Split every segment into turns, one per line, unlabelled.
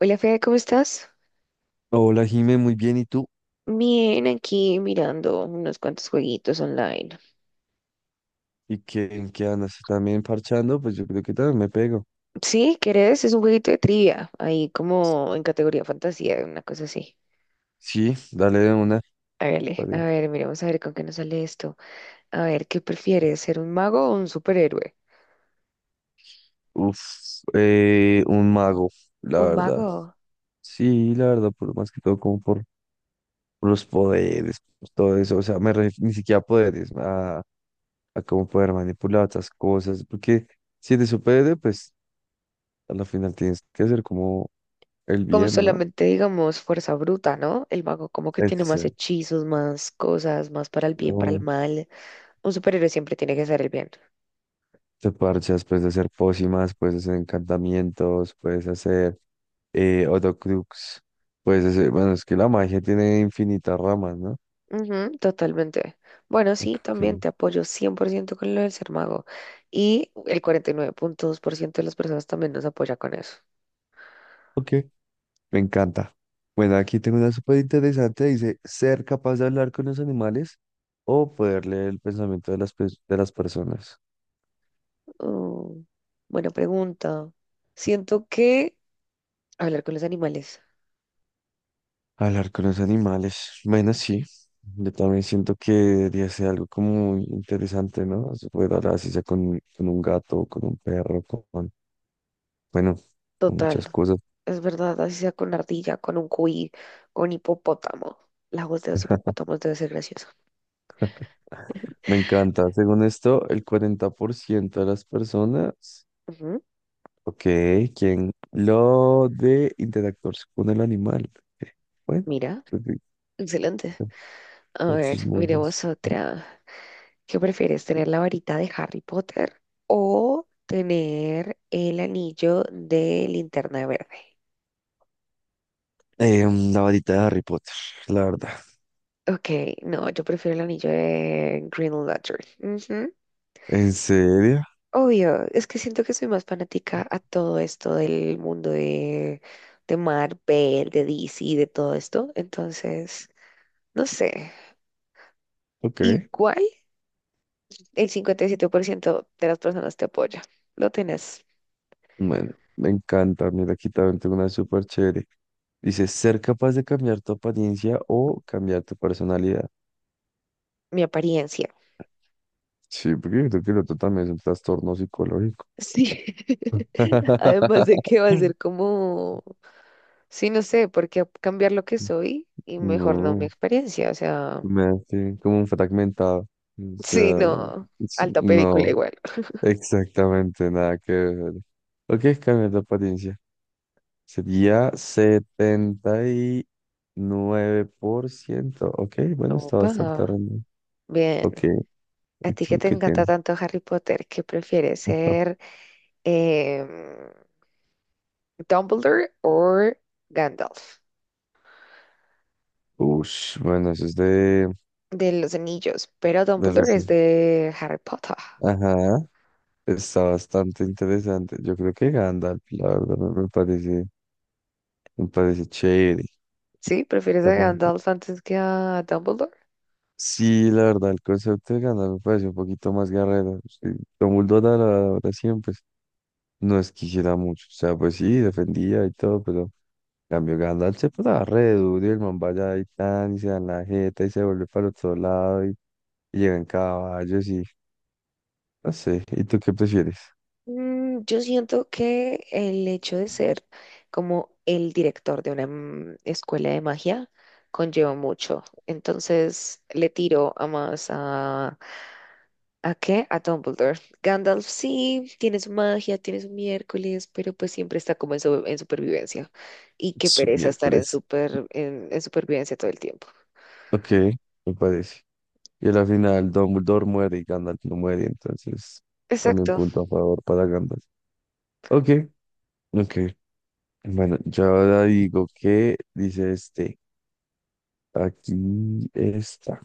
Hola Fede, ¿cómo estás?
Hola, Jime, muy bien. ¿Y tú?
Bien, aquí mirando unos cuantos jueguitos online.
¿Y qué, en qué andas? ¿También parchando? Pues yo creo que también me pego.
Sí, ¿querés? Es un jueguito de trivia, ahí como en categoría fantasía, una cosa así.
Sí, dale de una.
Hágale, a
Vale.
ver, miremos a ver con qué nos sale esto. A ver, ¿qué prefieres, ser un mago o un superhéroe?
Uf, un mago, la
Un
verdad.
mago.
Sí, la verdad, por, más que todo como por los poderes, por todo eso. O sea, ni siquiera a poderes, a cómo poder manipular otras cosas. Porque si eres superhéroe, pues a la final tienes que hacer como el
Como
bien, ¿no?
solamente digamos fuerza bruta, ¿no? El mago como que tiene más
Exacto.
hechizos, más cosas, más para el bien, para el mal. Un superhéroe siempre tiene que ser el bien.
Te parchas, puedes hacer pócimas, puedes hacer encantamientos, puedes hacer Horcrux. Pues bueno, es que la magia tiene infinitas ramas, ¿no?
Ujú, totalmente. Bueno, sí,
Ok,
también te apoyo 100% con lo del ser mago. Y el 49,2% de las personas también nos apoya con eso.
ok, me encanta. Bueno, aquí tengo una súper interesante. Dice, ser capaz de hablar con los animales o poder leer el pensamiento de las personas.
Mm, buena pregunta. Siento que hablar con los animales.
Hablar con los animales. Bueno, sí. Yo también siento que debería ser algo como muy interesante, ¿no? Se puede hablar así sea con un gato, con un perro, con, bueno, con
Total.
muchas cosas.
Es verdad, así sea con ardilla, con un cuy, con hipopótamo. La voz de los hipopótamos debe ser graciosa.
Me encanta. Según esto, el 40% de las personas.
Ujú,
Ok, ¿quién? Lo de interactuarse con el animal. Ok, bueno,
Mira,
creo que
excelente.
están
A
más
ver,
chismosos.
miremos otra. ¿Qué prefieres, tener la varita de Harry Potter o tener el anillo de Linterna Verde?
La varita de Harry Potter, la verdad.
Ok, no, yo prefiero el anillo de Green Lantern. Ujú.
¿En serio?
Obvio, es que siento que soy más fanática a todo esto del mundo de Marvel, de DC, de todo esto. Entonces, no sé.
Ok.
Igual el 57% de las personas te apoya. Lo tenés,
Bueno, me encanta. Mira, aquí también tengo una súper chévere. Dice, ser capaz de cambiar tu apariencia o cambiar tu personalidad.
mi apariencia.
Sí, porque yo creo que el otro también es un trastorno psicológico.
Sí, además de que va a ser como, sí, no sé, porque cambiar lo que soy y mejor no mi
No.
experiencia, o sea,
Me hace como un fragmentado. O
sí,
sea,
no, alta película
no,
igual.
exactamente nada que ver. ¿O qué es cambiar de apariencia? Sería 79%. Ok, bueno, está bastante
Opa,
random.
bien.
Ok,
A
¿y
ti que
tú
te
qué
encanta
tienes?
tanto Harry Potter, ¿qué prefieres ser em, Dumbledore o Gandalf
Ush, bueno, eso es de,
de los Anillos? Pero
de
Dumbledore es
recién.
de Harry Potter,
Ajá, está bastante interesante. Yo creo que Gandalf, la verdad, me parece, me parece chévere.
¿sí? ¿Prefieres a Gandalf antes que a Dumbledore?
Sí, la verdad, el concepto de ganar me parece un poquito más guerrero. Sí. Dumbledore, la verdad, siempre no es que hiciera mucho. O sea, pues sí, defendía y todo, pero en cambio Gandalf se pasaba re duro y el man vaya y tan, y se da la jeta y se vuelve para el otro lado y llega en caballos y no sé. ¿Y tú qué prefieres?
Yo siento que el hecho de ser como el director de una escuela de magia conlleva mucho. Entonces le tiro a más a... ¿A qué? A Dumbledore. Gandalf sí, tiene su magia, tiene su miércoles, pero pues siempre está como en supervivencia. Y qué
Su
pereza estar en,
miércoles.
super, en, en supervivencia todo el tiempo.
Ok, me parece. Y a la final Dumbledore muere y Gandalf no muere, entonces también
Exacto.
punto a favor para Gandalf. Ok, ok. Bueno, yo ahora digo que dice este. Aquí está.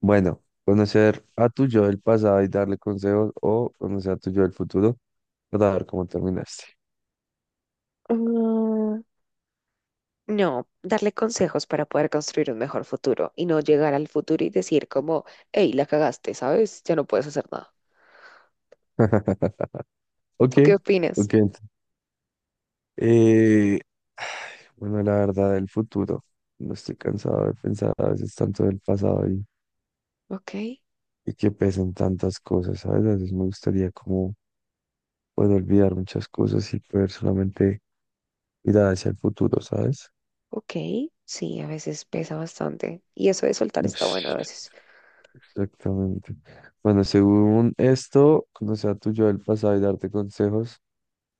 Bueno, conocer a tu yo del pasado y darle consejos o conocer a tu yo del futuro para ver cómo terminaste.
No, darle consejos para poder construir un mejor futuro y no llegar al futuro y decir como, hey, la cagaste, ¿sabes? Ya no puedes hacer nada.
Ok,
¿Tú qué opinas?
ok. Eh, Ay, bueno, la verdad del futuro. No estoy cansado de pensar a veces tanto del pasado y,
Ok,
y que pesan tantas cosas, ¿sabes? A veces me gustaría como poder olvidar muchas cosas y poder solamente mirar hacia el futuro, ¿sabes?
ok, sí, a veces pesa bastante. Y eso de soltar está bueno a veces.
Exactamente. Bueno, según esto, conocer a tu yo del pasado y darte consejos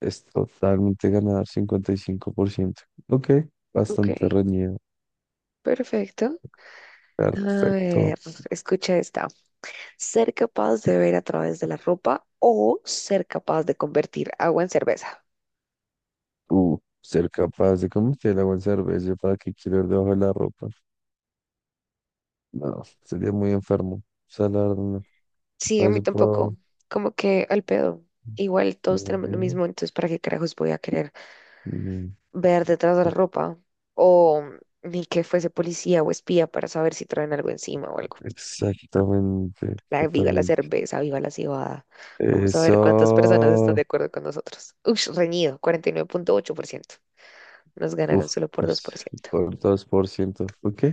es totalmente ganar 55%. Ok,
Ok,
bastante reñido.
perfecto. A
Perfecto.
ver, escucha esta. Ser capaz de ver a través de la ropa o ser capaz de convertir agua en cerveza.
Ser capaz de convertir el agua en cerveza, ¿para que quiero ir debajo de la ropa? No, sería muy enfermo. O sea, la verdad, no.
Sí, a
Para
mí
eso
tampoco.
puedo.
Como que al pedo. Igual todos tenemos lo
No,
mismo, entonces ¿para qué carajos voy a querer
no.
ver detrás de la ropa o ni que fuese policía o espía para saber si traen algo encima o algo?
Exactamente,
Viva la
totalmente.
cerveza, viva la cebada. Vamos a ver cuántas personas están de
Eso.
acuerdo con nosotros. Ush, reñido, 49,8%. Nos ganaron
Uf,
solo por dos
pues
por ciento.
por 2%. Ok,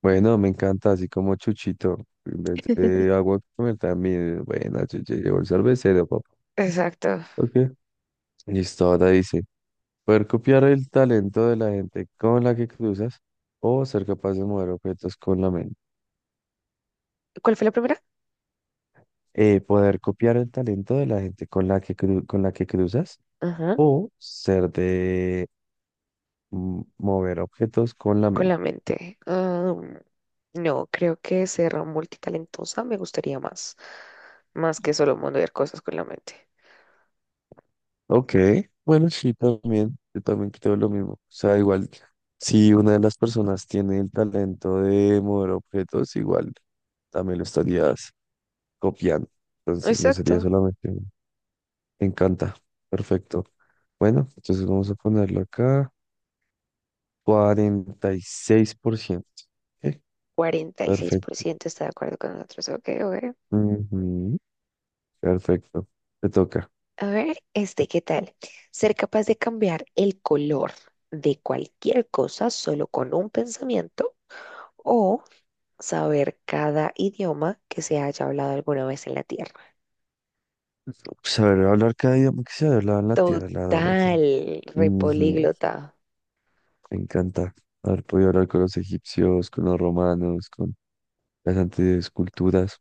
bueno, me encanta, así como Chuchito. En vez de agua comer también. Bueno, yo ya llevo el cervecero, papá.
Exacto.
Ok. Listo, ahora dice, poder copiar el talento de la gente con la que cruzas o ser capaz de mover objetos con la mente.
¿Cuál fue la primera?
Poder copiar el talento de la gente con la que con la que cruzas
Ajá,
o ser de mover objetos con la
con
mente.
la mente. No, creo que ser multitalentosa me gustaría más que solo mondear cosas con la mente.
Ok, bueno, sí, también, yo también creo lo mismo. O sea, igual, si una de las personas tiene el talento de mover objetos, igual también lo estarías copiando. Entonces, no sería
Exacto,
solamente uno. Me encanta, perfecto. Bueno, entonces vamos a ponerlo acá, 46%. Ok,
Cuarenta y seis por
perfecto.
ciento está de acuerdo con nosotros. Ok, ok.
Ujú, perfecto, te toca.
A ver, este, ¿qué tal? Ser capaz de cambiar el color de cualquier cosa solo con un pensamiento o saber cada idioma que se haya hablado alguna vez en la Tierra.
Saber hablar cada idioma que se habla en la tierra, la verdad.
Total, repolíglota.
Me encanta haber podido hablar con los egipcios, con los romanos, con las antiguas culturas.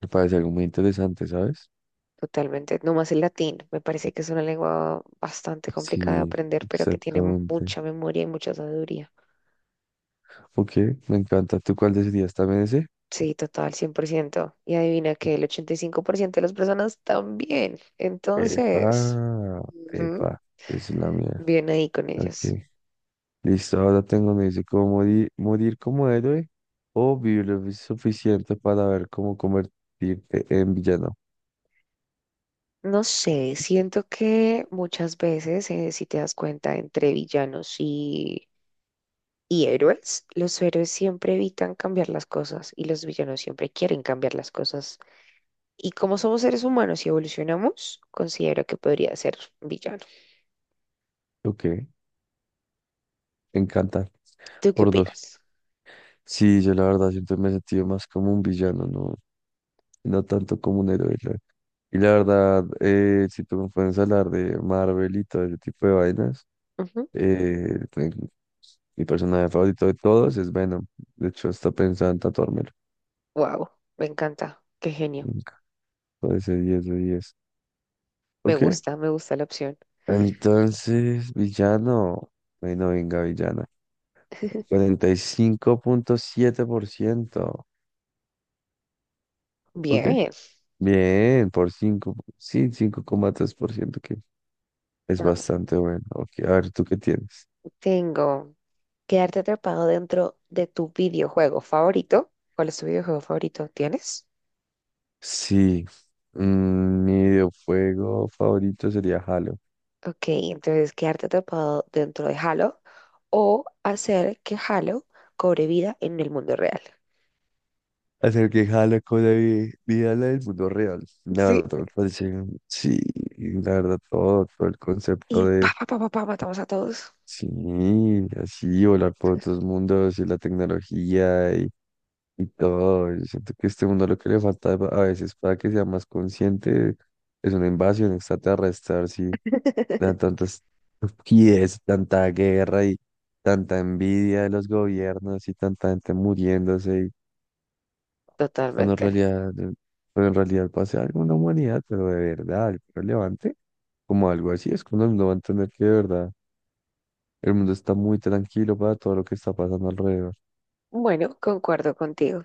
Me parece algo muy interesante, ¿sabes?
Totalmente, no más el latín. Me parece que es una lengua bastante complicada de
Sí,
aprender, pero que tiene
exactamente.
mucha memoria y mucha sabiduría.
Ok, me encanta. ¿Tú cuál decidirías también ese?
Sí, total, 100%. Y adivina que el 85% de las personas también. Entonces,
Epa,
ujú,
epa, es la mía.
bien ahí con
Ok,
ellas.
listo. Ahora tengo, me dice, ¿cómo morir como héroe o vivir lo suficiente para ver cómo convertirte en villano?
No sé, siento que muchas veces, si te das cuenta, entre villanos y héroes, los héroes siempre evitan cambiar las cosas y los villanos siempre quieren cambiar las cosas. Y como somos seres humanos y evolucionamos, considero que podría ser villano.
Ok, me encanta.
¿Tú qué
Por dos.
opinas?
Sí, yo la verdad siempre me he sentido más como un villano, ¿no? Y no tanto como un héroe. ¿Sabes? Y la verdad, si tú me puedes hablar de Marvel y todo ese tipo de vainas, pues, mi personaje favorito de todos es Venom. De hecho, hasta pensaba en tatuármelo.
Wow, me encanta. Qué genio.
Nunca. Parece 10 de diez. Ok.
Me gusta la opción.
Entonces, villano. Bueno, venga, villana. 45.7%. Ok.
Bien.
Bien, por cinco. Sí, 5,3% que es
am,
bastante bueno. Ok, a ver, ¿tú qué tienes?
Tengo quedarte atrapado dentro de tu videojuego favorito. ¿Cuál es tu videojuego favorito? ¿Tienes?
Sí, mi videojuego favorito sería Halo.
Ok, entonces quedarte atrapado dentro de Halo o hacer que Halo cobre vida en el mundo real.
Hacer que Halo con la vida la del mundo real. La
Sí.
verdad, me parece, sí, la verdad, todo el concepto
Y pa,
de,
pa, pa, pa, pa, matamos a todos.
sí, así, volar por otros mundos y la tecnología y todo. Yo siento que este mundo lo que le falta a veces para que sea más consciente es una invasión extraterrestre, sí. De tantas estupidez, tanta guerra y tanta envidia de los gobiernos y tanta gente muriéndose, y cuando en
Totalmente.
realidad, eh, cuando en realidad pase algo en la humanidad, pero de verdad, algo relevante, como algo así, es cuando uno va a entender que de verdad el mundo está muy tranquilo para todo lo que está pasando alrededor.
Bueno, concuerdo contigo.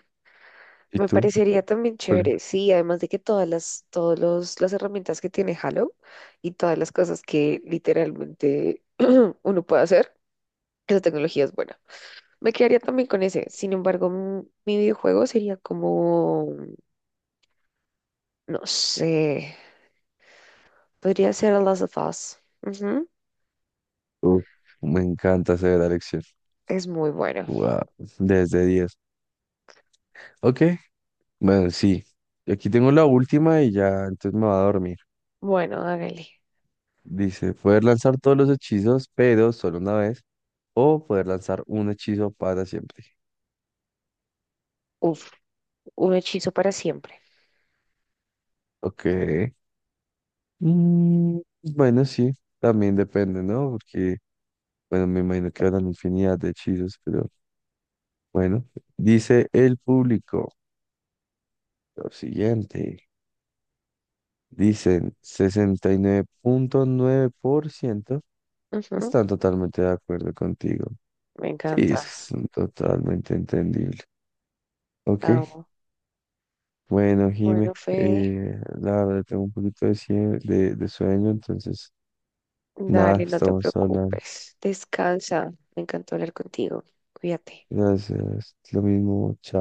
¿Y
Me
tú?
parecería también
¿Cuál es?
chévere, sí, además de que todas las, todos los, las herramientas que tiene Halo y todas las cosas que literalmente uno puede hacer, esa tecnología es buena. Me quedaría también con ese, sin embargo, mi videojuego sería como, no sé, podría ser The Last of Us. Ujú,
tu- Me encanta hacer la lección.
Es muy bueno.
Wow, desde diez. Ok, bueno, sí. Aquí tengo la última y ya, entonces me va a dormir.
Bueno, hágale.
Dice, poder lanzar todos los hechizos, pero solo una vez, o poder lanzar un hechizo para siempre.
Uf, un hechizo para siempre.
Ok. Mm, bueno, sí, también depende, ¿no? Porque, bueno, me imagino que habrán infinidad de hechizos, pero bueno. Dice el público lo siguiente. Dicen sesenta y nueve punto nueve por ciento
Ujú,
están totalmente de acuerdo contigo.
Me
Sí,
encanta.
es totalmente entendible. Ok.
Amo.
Bueno, Jime,
Bueno, Fede.
la verdad tengo un poquito de sueño, entonces nada,
Dale, no te
estamos hablando.
preocupes. Descansa. Me encantó hablar contigo. Cuídate.
Gracias, lo mismo.